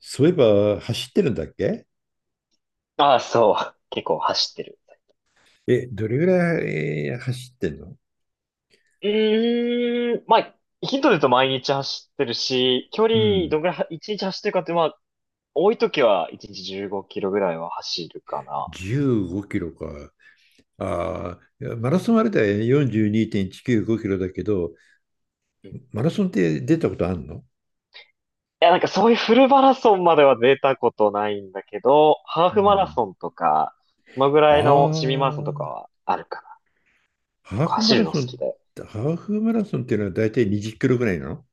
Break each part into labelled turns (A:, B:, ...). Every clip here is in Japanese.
A: そういえば走ってるんだっけ？
B: ああ、そう。結構走ってる。
A: え、どれぐらい走ってんの？
B: うーん。まあ、ヒントで言うと毎日走ってるし、距離
A: うん、
B: どんぐらいは、1日走ってるかって、まあ、多い時は1日15キロぐらいは走るかな。
A: 15キロか。ああ、いやマラソンあれだよね、42.195キロだけど、
B: うん。
A: マラソンって出たことあんの？
B: いや、なんかそういうフルマラソンまでは出たことないんだけど、ハー
A: う
B: フマラ
A: ん。
B: ソンとか、そのぐ
A: あ
B: らいの市民マラソンとか
A: あ、
B: はあるかな。結
A: ハー
B: 構
A: フマ
B: 走る
A: ラ
B: の好
A: ソ
B: き
A: ン、
B: で。
A: ハーフマラソンっていうのは大体20キロぐらいなの？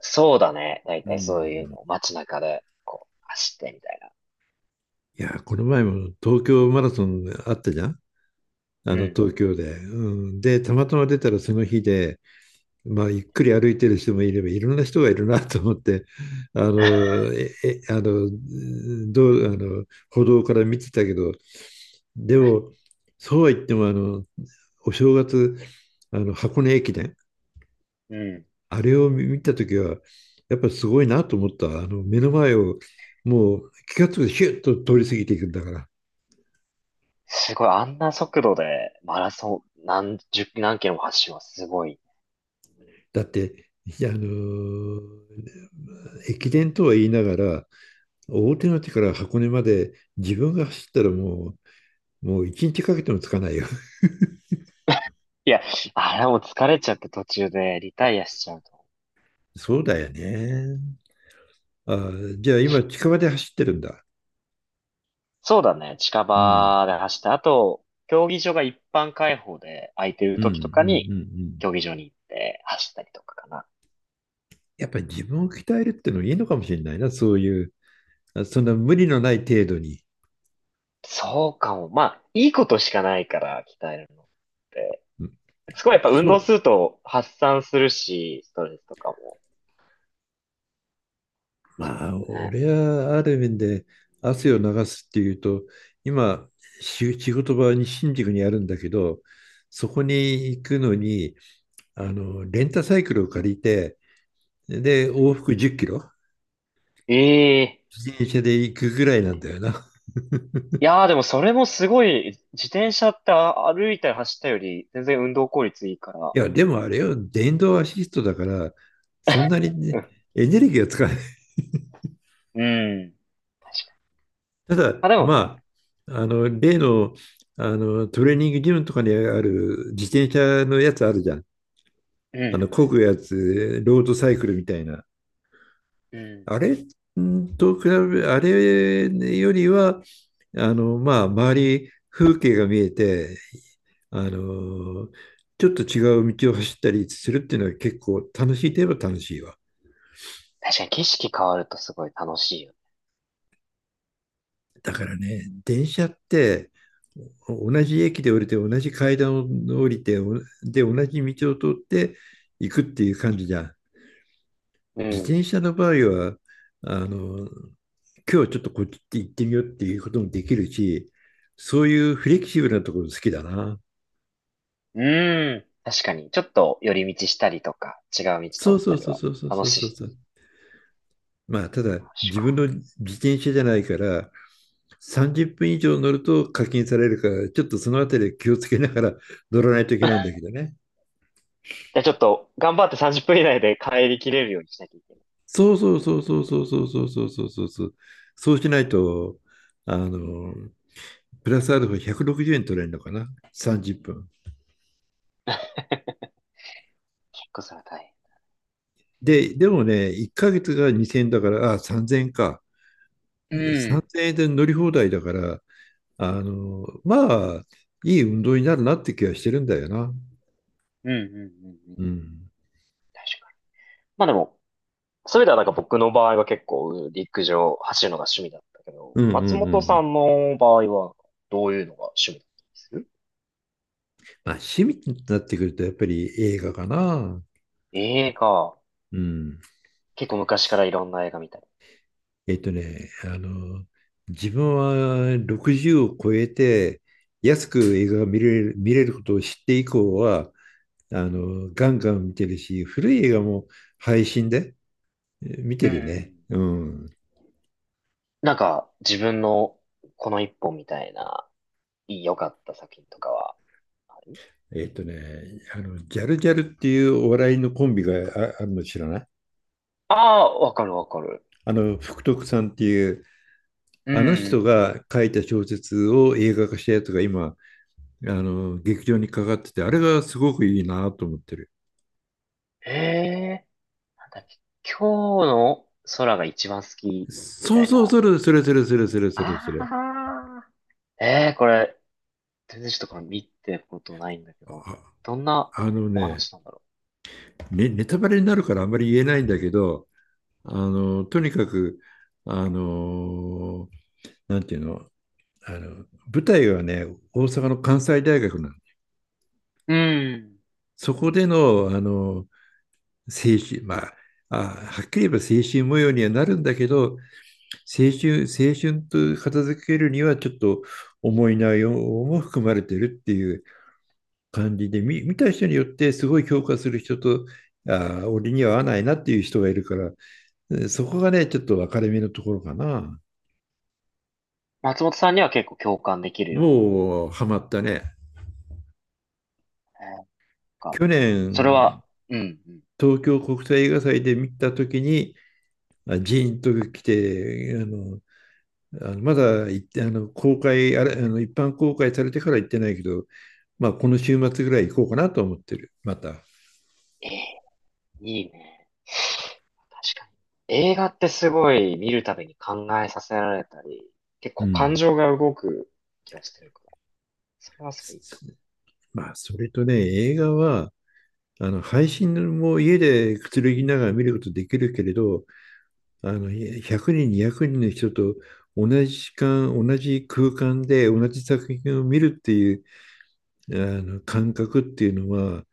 B: そうだね。だい
A: う
B: たいそういう
A: ん。
B: のを街中で、こう、走ってみたいな。
A: いや、この前も東京マラソンあったじゃん。あ
B: う
A: の
B: ん。
A: 東京で。うん、で、たまたま出たらその日で、まあ、ゆっくり歩いてる人もいればいろんな人がいるなと思って、あのええあのあの歩道から見てたけど、でもそうは言ってもあのお正月、あの箱根駅伝、
B: うん。
A: あれを見た時はやっぱりすごいなと思った。あの目の前をもう気が付くとヒュッと通り過ぎていくんだから。
B: すごい、あんな速度でマラソン何十、何キロも走るのはすごい。
A: だって、いや、あの駅伝とは言いながら、大手町から箱根まで自分が走ったらもう一日かけてもつかないよ。
B: いや、あれもう疲れちゃって途中でリタイアしちゃうと。
A: そうだよね。あ、じゃあ今近場で走ってるんだ。
B: そうだね、近
A: うん。
B: 場で走って、あと、競技場が一般開放で空いてる
A: うんうんう
B: 時とか
A: んう
B: に、
A: ん。
B: 競技場に行って走ったりとかかな。
A: やっぱり自分を鍛えるってのいいのかもしれないな、そういう、あそんな無理のない程度に。
B: そうかも。まあ、いいことしかないから、鍛えるのって。
A: うん。
B: すごいやっぱ運
A: そ
B: 動
A: う、
B: すると発散するし、ストレスとかも。そ
A: まあ、
B: うだね。
A: 俺はある面で汗を流すっていうと、今、仕事場に新宿にあるんだけど、そこ
B: うん。
A: に行くのに、あの、レンタサイクルを借りて、で、往復10キロ
B: ええ。
A: 自転車で行くぐらいなんだよな。
B: いやーでもそれもすごい、自転車って歩いたり走ったより全然運動効率いいから。
A: いや、でもあれよ、電動アシストだから、そんなに、
B: う
A: ね、
B: ん。
A: エネルギーを使わない。
B: うん。確かに。
A: ただ、
B: まあ、でも、
A: まあ、の、例の、あの、トレーニングジムとかにある自転車のやつあるじゃん。
B: うん
A: あの、漕
B: う
A: ぐやつ、ロードサイクルみたいな。
B: んうん。うん。
A: あれと比べ、あれよりは、あの、まあ、周り、風景が見えて、あのちょっと違う道を走ったりするっていうのは、結構楽しいといえば楽しいわ。
B: 確かに景色変わるとすごい楽しいよ
A: だからね、電車って同じ駅で降りて、同じ階段を降りて、で、同じ道を通って行くっていう感じじゃん。
B: ね。う
A: 自
B: ん。
A: 転車の場合は、あの、今日ちょっとこっち行ってみようっていうこともできるし、そういうフレキシブルなところ好きだな。
B: うん。確かに。ちょっと寄り道したりとか、違う道通
A: そう
B: っ
A: そ
B: た
A: う
B: り
A: そう
B: は
A: そうそう
B: 楽
A: そう
B: しい。
A: そう。まあ、ただ、
B: 楽しい
A: 自分
B: か。
A: の自転車じゃないから、30分以上乗ると課金されるから、ちょっとそのあたり気をつけながら 乗らないといけないんだけ どね。
B: じゃあちょっと頑張って30分以内で帰りきれるようにしなきゃいけない。
A: そうそうそうそうそうそうそうそうそうそうそう。そうしないと、あの、プラスアルファ160円取れるのかな、30分。
B: 結構それは大
A: でもね、1ヶ月が2000円だから、あ、3000円か。
B: 変。うん。
A: 3000円で乗り放題だから、あの、まあ、いい運動になるなって気はしてるんだよな。
B: うんうんうんう
A: う
B: ん。
A: ん。
B: 確かに。まあでも、そういう意味ではなんか僕の場合は結構陸上走るのが趣味だったけど、
A: うんうんう
B: 松
A: ん
B: 本
A: う
B: さ
A: ん。
B: んの場合はどういうのが趣味だったりする？
A: まあ、趣味になってくると、やっぱり映画かな。
B: 映画、
A: うん。
B: 結構昔からいろんな映画見たり。
A: えっとね、あの、自分は60を超えて、安く映画が見れる、見れることを知って以降は、あの、ガンガン見てるし、古い映画も配信で見て
B: う
A: るね。
B: ん。
A: うん。
B: なんか自分のこの一本みたいないい良かった作品とかはある？
A: えっとね、あの、ジャルジャルっていうお笑いのコンビがあるの知らない？
B: ああー、わかるわかる。
A: あの、福徳さんっていう
B: う
A: あの人
B: ん。
A: が書いた小説を映画化したやつが今、あの、劇場にかかってて、あれがすごくいいなと思ってる。
B: へえ、なんだっけ、今日の空が一番好きみ
A: そ
B: た
A: う
B: い
A: そう、
B: な。
A: それ、それ、それ、それ、それ、それ、そ
B: あ
A: れ。
B: あ、ええ、これ全然ちょっとの見てことないんだけど、
A: あ、
B: どんな
A: あの
B: お
A: ね、
B: 話なんだろ
A: ね、ネタバレになるからあんまり言えないんだけど、あの、とにかく、あの、なんていうの、あの、舞台はね、大阪の関西大学なんで、
B: う。うん。
A: そこでの、あの、精神、まあ、あ、はっきり言えば精神模様にはなるんだけど、青春、青春と片付けるにはちょっと重い内容も含まれてるっていう感じで、見た人によってすごい評価する人と、ああ、俺には合わないなっていう人がいるから、そこがね、ちょっと分かれ目のところかな。
B: 松本さんには結構共感できるような。
A: もうハマったね。
B: なんか、
A: 去
B: それ
A: 年、
B: は、うん、うん。
A: 東京国際映画祭で見たときに、ジーンと来て、あの、あのまだ行って、あの、公開、あれ、あの、一般公開されてから行ってないけど、まあ、この週末ぐらい行こうかなと思ってる。また。
B: ええ。いいね。確かに。映画ってすごい見るたびに考えさせられたり、結
A: う
B: 構感
A: ん。
B: 情が動く気がしてるから、それはすごいいいか
A: まあ、それとね、映画は、あの、配信も家でくつろぎながら見ることできるけれど、あの、100人、200人の人と同じ時間、同じ空間で同じ作品を見るっていう、あの、感覚っていうのは、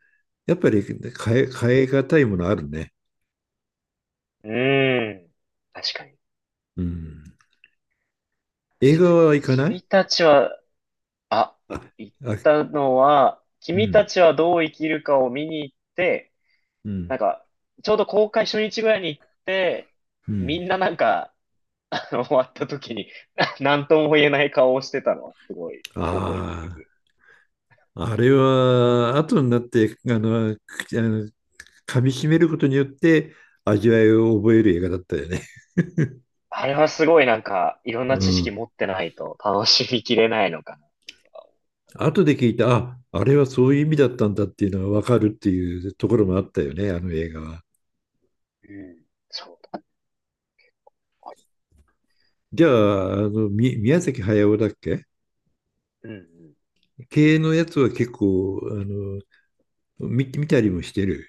A: やっぱり変え難いものあるね。
B: も。うーん。確かに、
A: うん。
B: 確
A: 映画
B: かに。
A: は行かない？
B: 君たちは、あ、
A: あ、
B: 言っ
A: あ、
B: たのは、
A: う
B: 君
A: ん、
B: たちはどう生きるかを見に行って、
A: うん、
B: なんか、ちょうど公開初日ぐらいに行って、
A: うん。
B: みんななんか、終わった時に、なんとも言えない顔をしてたのはすごい覚えて
A: ああ。
B: る。
A: あれは後になってあのくあの噛み締めることによって味わいを覚える映画だったよね。
B: あれはすごいなんか、いろんな
A: う
B: 知識
A: ん。
B: 持ってないと楽しみきれないのかな。
A: 後で聞いた、あ、あれはそういう意味だったんだっていうのが分かるっていうところもあったよね、あの映画は。
B: うん、そうだ。
A: じゃあ、あの、宮崎駿だっけ
B: うんうん。
A: 系のやつは結構、あの、見たりもしてる。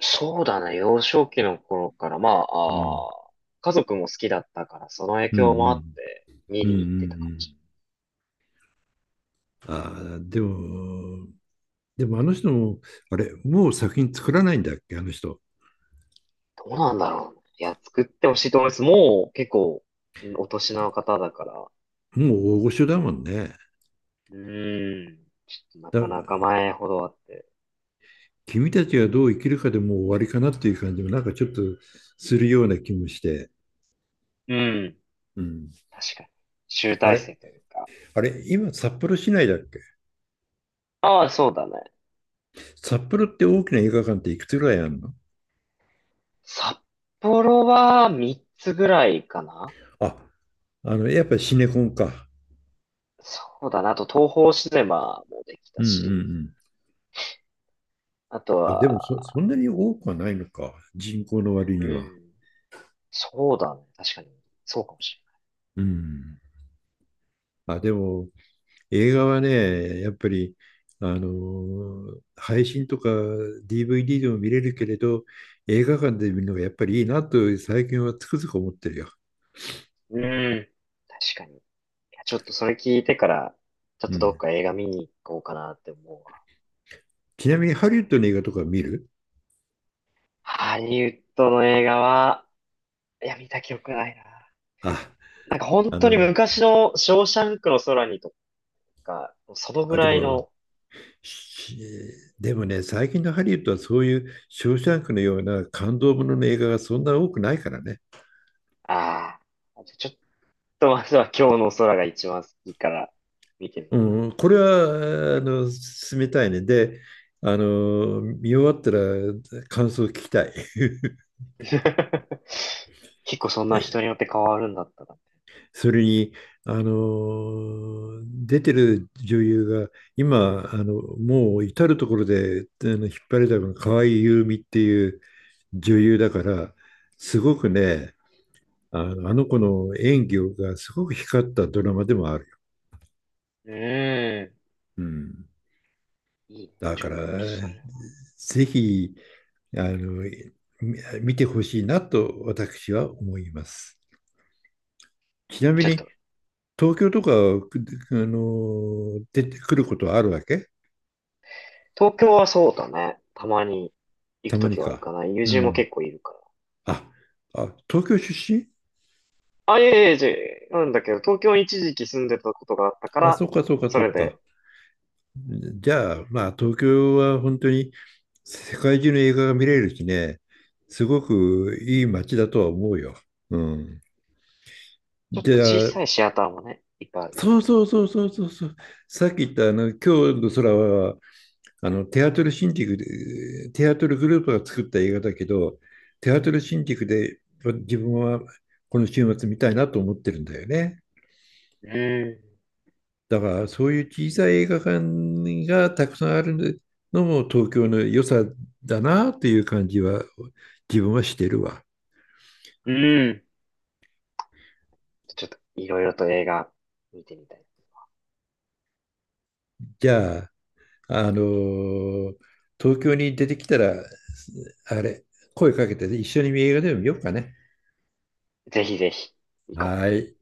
B: そうだね、幼少期の頃から、まあ、
A: うん。
B: あー家族も好きだったから、その影
A: うんう
B: 響もあっ
A: ん。
B: て、見
A: うんう
B: に行ってたかもしれ
A: んうん。ああ、でも、あの人も、あれ、もう作品作らないんだっけ、あの人。
B: ない。どうなんだろうね。いや、作ってほしいと思います。もう結構、うん、お年の方だから、
A: もう大御所だもんね。
B: うん。ちょっとなかなか
A: だ
B: 前ほどあって。
A: 君たちがどう生きるかでもう終わりかなっていう感じもなんかちょっとするような気もして。
B: うん。
A: うん、
B: 確かに。集
A: あ
B: 大
A: れ
B: 成というか。
A: あれ今札幌市内だっけ？
B: ああ、そうだね。
A: 札幌って大きな映画館っていくつぐらいあるの？
B: 札幌は3つぐらいかな。
A: あ、あの、やっぱりシネコンか。
B: そうだな。あと東宝シネマもでき
A: う
B: た
A: んう
B: し。
A: ん
B: あと
A: うん。あ、でも
B: は、
A: そんなに多くはないのか。人口の割
B: う
A: には。
B: ん。そうだね。確かに。そうかもし
A: うん。あ、でも、映画はね、やっぱり、あのー配信とか DVD でも見れるけれど、映画館で見るのがやっぱりいいなと最近はつくづく思ってるよ。
B: れない。うん。確かに。いや、ちょっとそれ聞いてから、ちょっ
A: う
B: とどっ
A: ん。
B: か映画見に行こうかなって思うわ。
A: ちなみにハリウッドの映画とか見る？
B: ハリウッドの映画は、いや、見た記憶ないな。
A: あ、
B: なんか本
A: あ
B: 当に
A: の、
B: 昔のショーシャンクの空にとか、そのぐ
A: あ、で
B: らい
A: も、
B: の、
A: しでもね、最近のハリウッドはそういうショーシャンクのような感動ものの映画がそんな多くないからね。
B: ああ、ちょっとまずは今日の空が一番好きから見てみようか
A: うん、これは、あの、進めたいね。で、あの、見終わったら感想を聞きたい。
B: な。結構そんな
A: ね、
B: 人によって変わるんだったら。
A: それに、あの、出てる女優が、今、あの、もう至るところで、あの、引っ張りだこの河合優実っていう女優だから、すごくね、あの、あの子の演技がすごく光ったドラマでもあるよ。
B: うーん。
A: うん。
B: いいね。
A: だ
B: ち
A: か
B: ょっとそ
A: ら、
B: れは。
A: ぜひ、あの、見てほしいなと私は思います。ちなみ
B: ちょっ
A: に、
B: と、
A: 東京とか、くあの、出てくることはあるわけ？
B: 東京はそうだね。たまに行
A: た
B: く
A: ま
B: と
A: に
B: きはある
A: か。
B: かな。友
A: う
B: 人も
A: ん。
B: 結構いるから。
A: あ、あ、東京出身？
B: あ、いえいえ、じゃなんだけど、東京に一時期住んでたことがあったか
A: あ、そ
B: ら、
A: うか、そうか、
B: そ
A: そ
B: れ
A: う
B: で、
A: か。じゃあ、まあ、東京は本当に世界中の映画が見れるしね、すごくいい街だとは思うよ。うん。
B: ちょっと
A: じ
B: 小
A: ゃあ、
B: さいシアターもね、いっぱいあるから。
A: そうそうそうそうそうそう。さっき言ったあの今日の空は、あのテアトルシンティクでテアトルグループが作った映画だけど、テアトルシンティクで自分はこの週末見たいなと思ってるんだよね。
B: うん。
A: だからそういう小さい映画館がたくさんあるのも東京の良さだなという感じは自分はしてるわ。
B: うん。ちょっといろいろと映画見てみたい。
A: じゃあ、あのー東京に出てきたら、あれ、声かけて一緒に映画でも見ようかね。
B: ぜひぜひ、行こ
A: は
B: う。
A: い。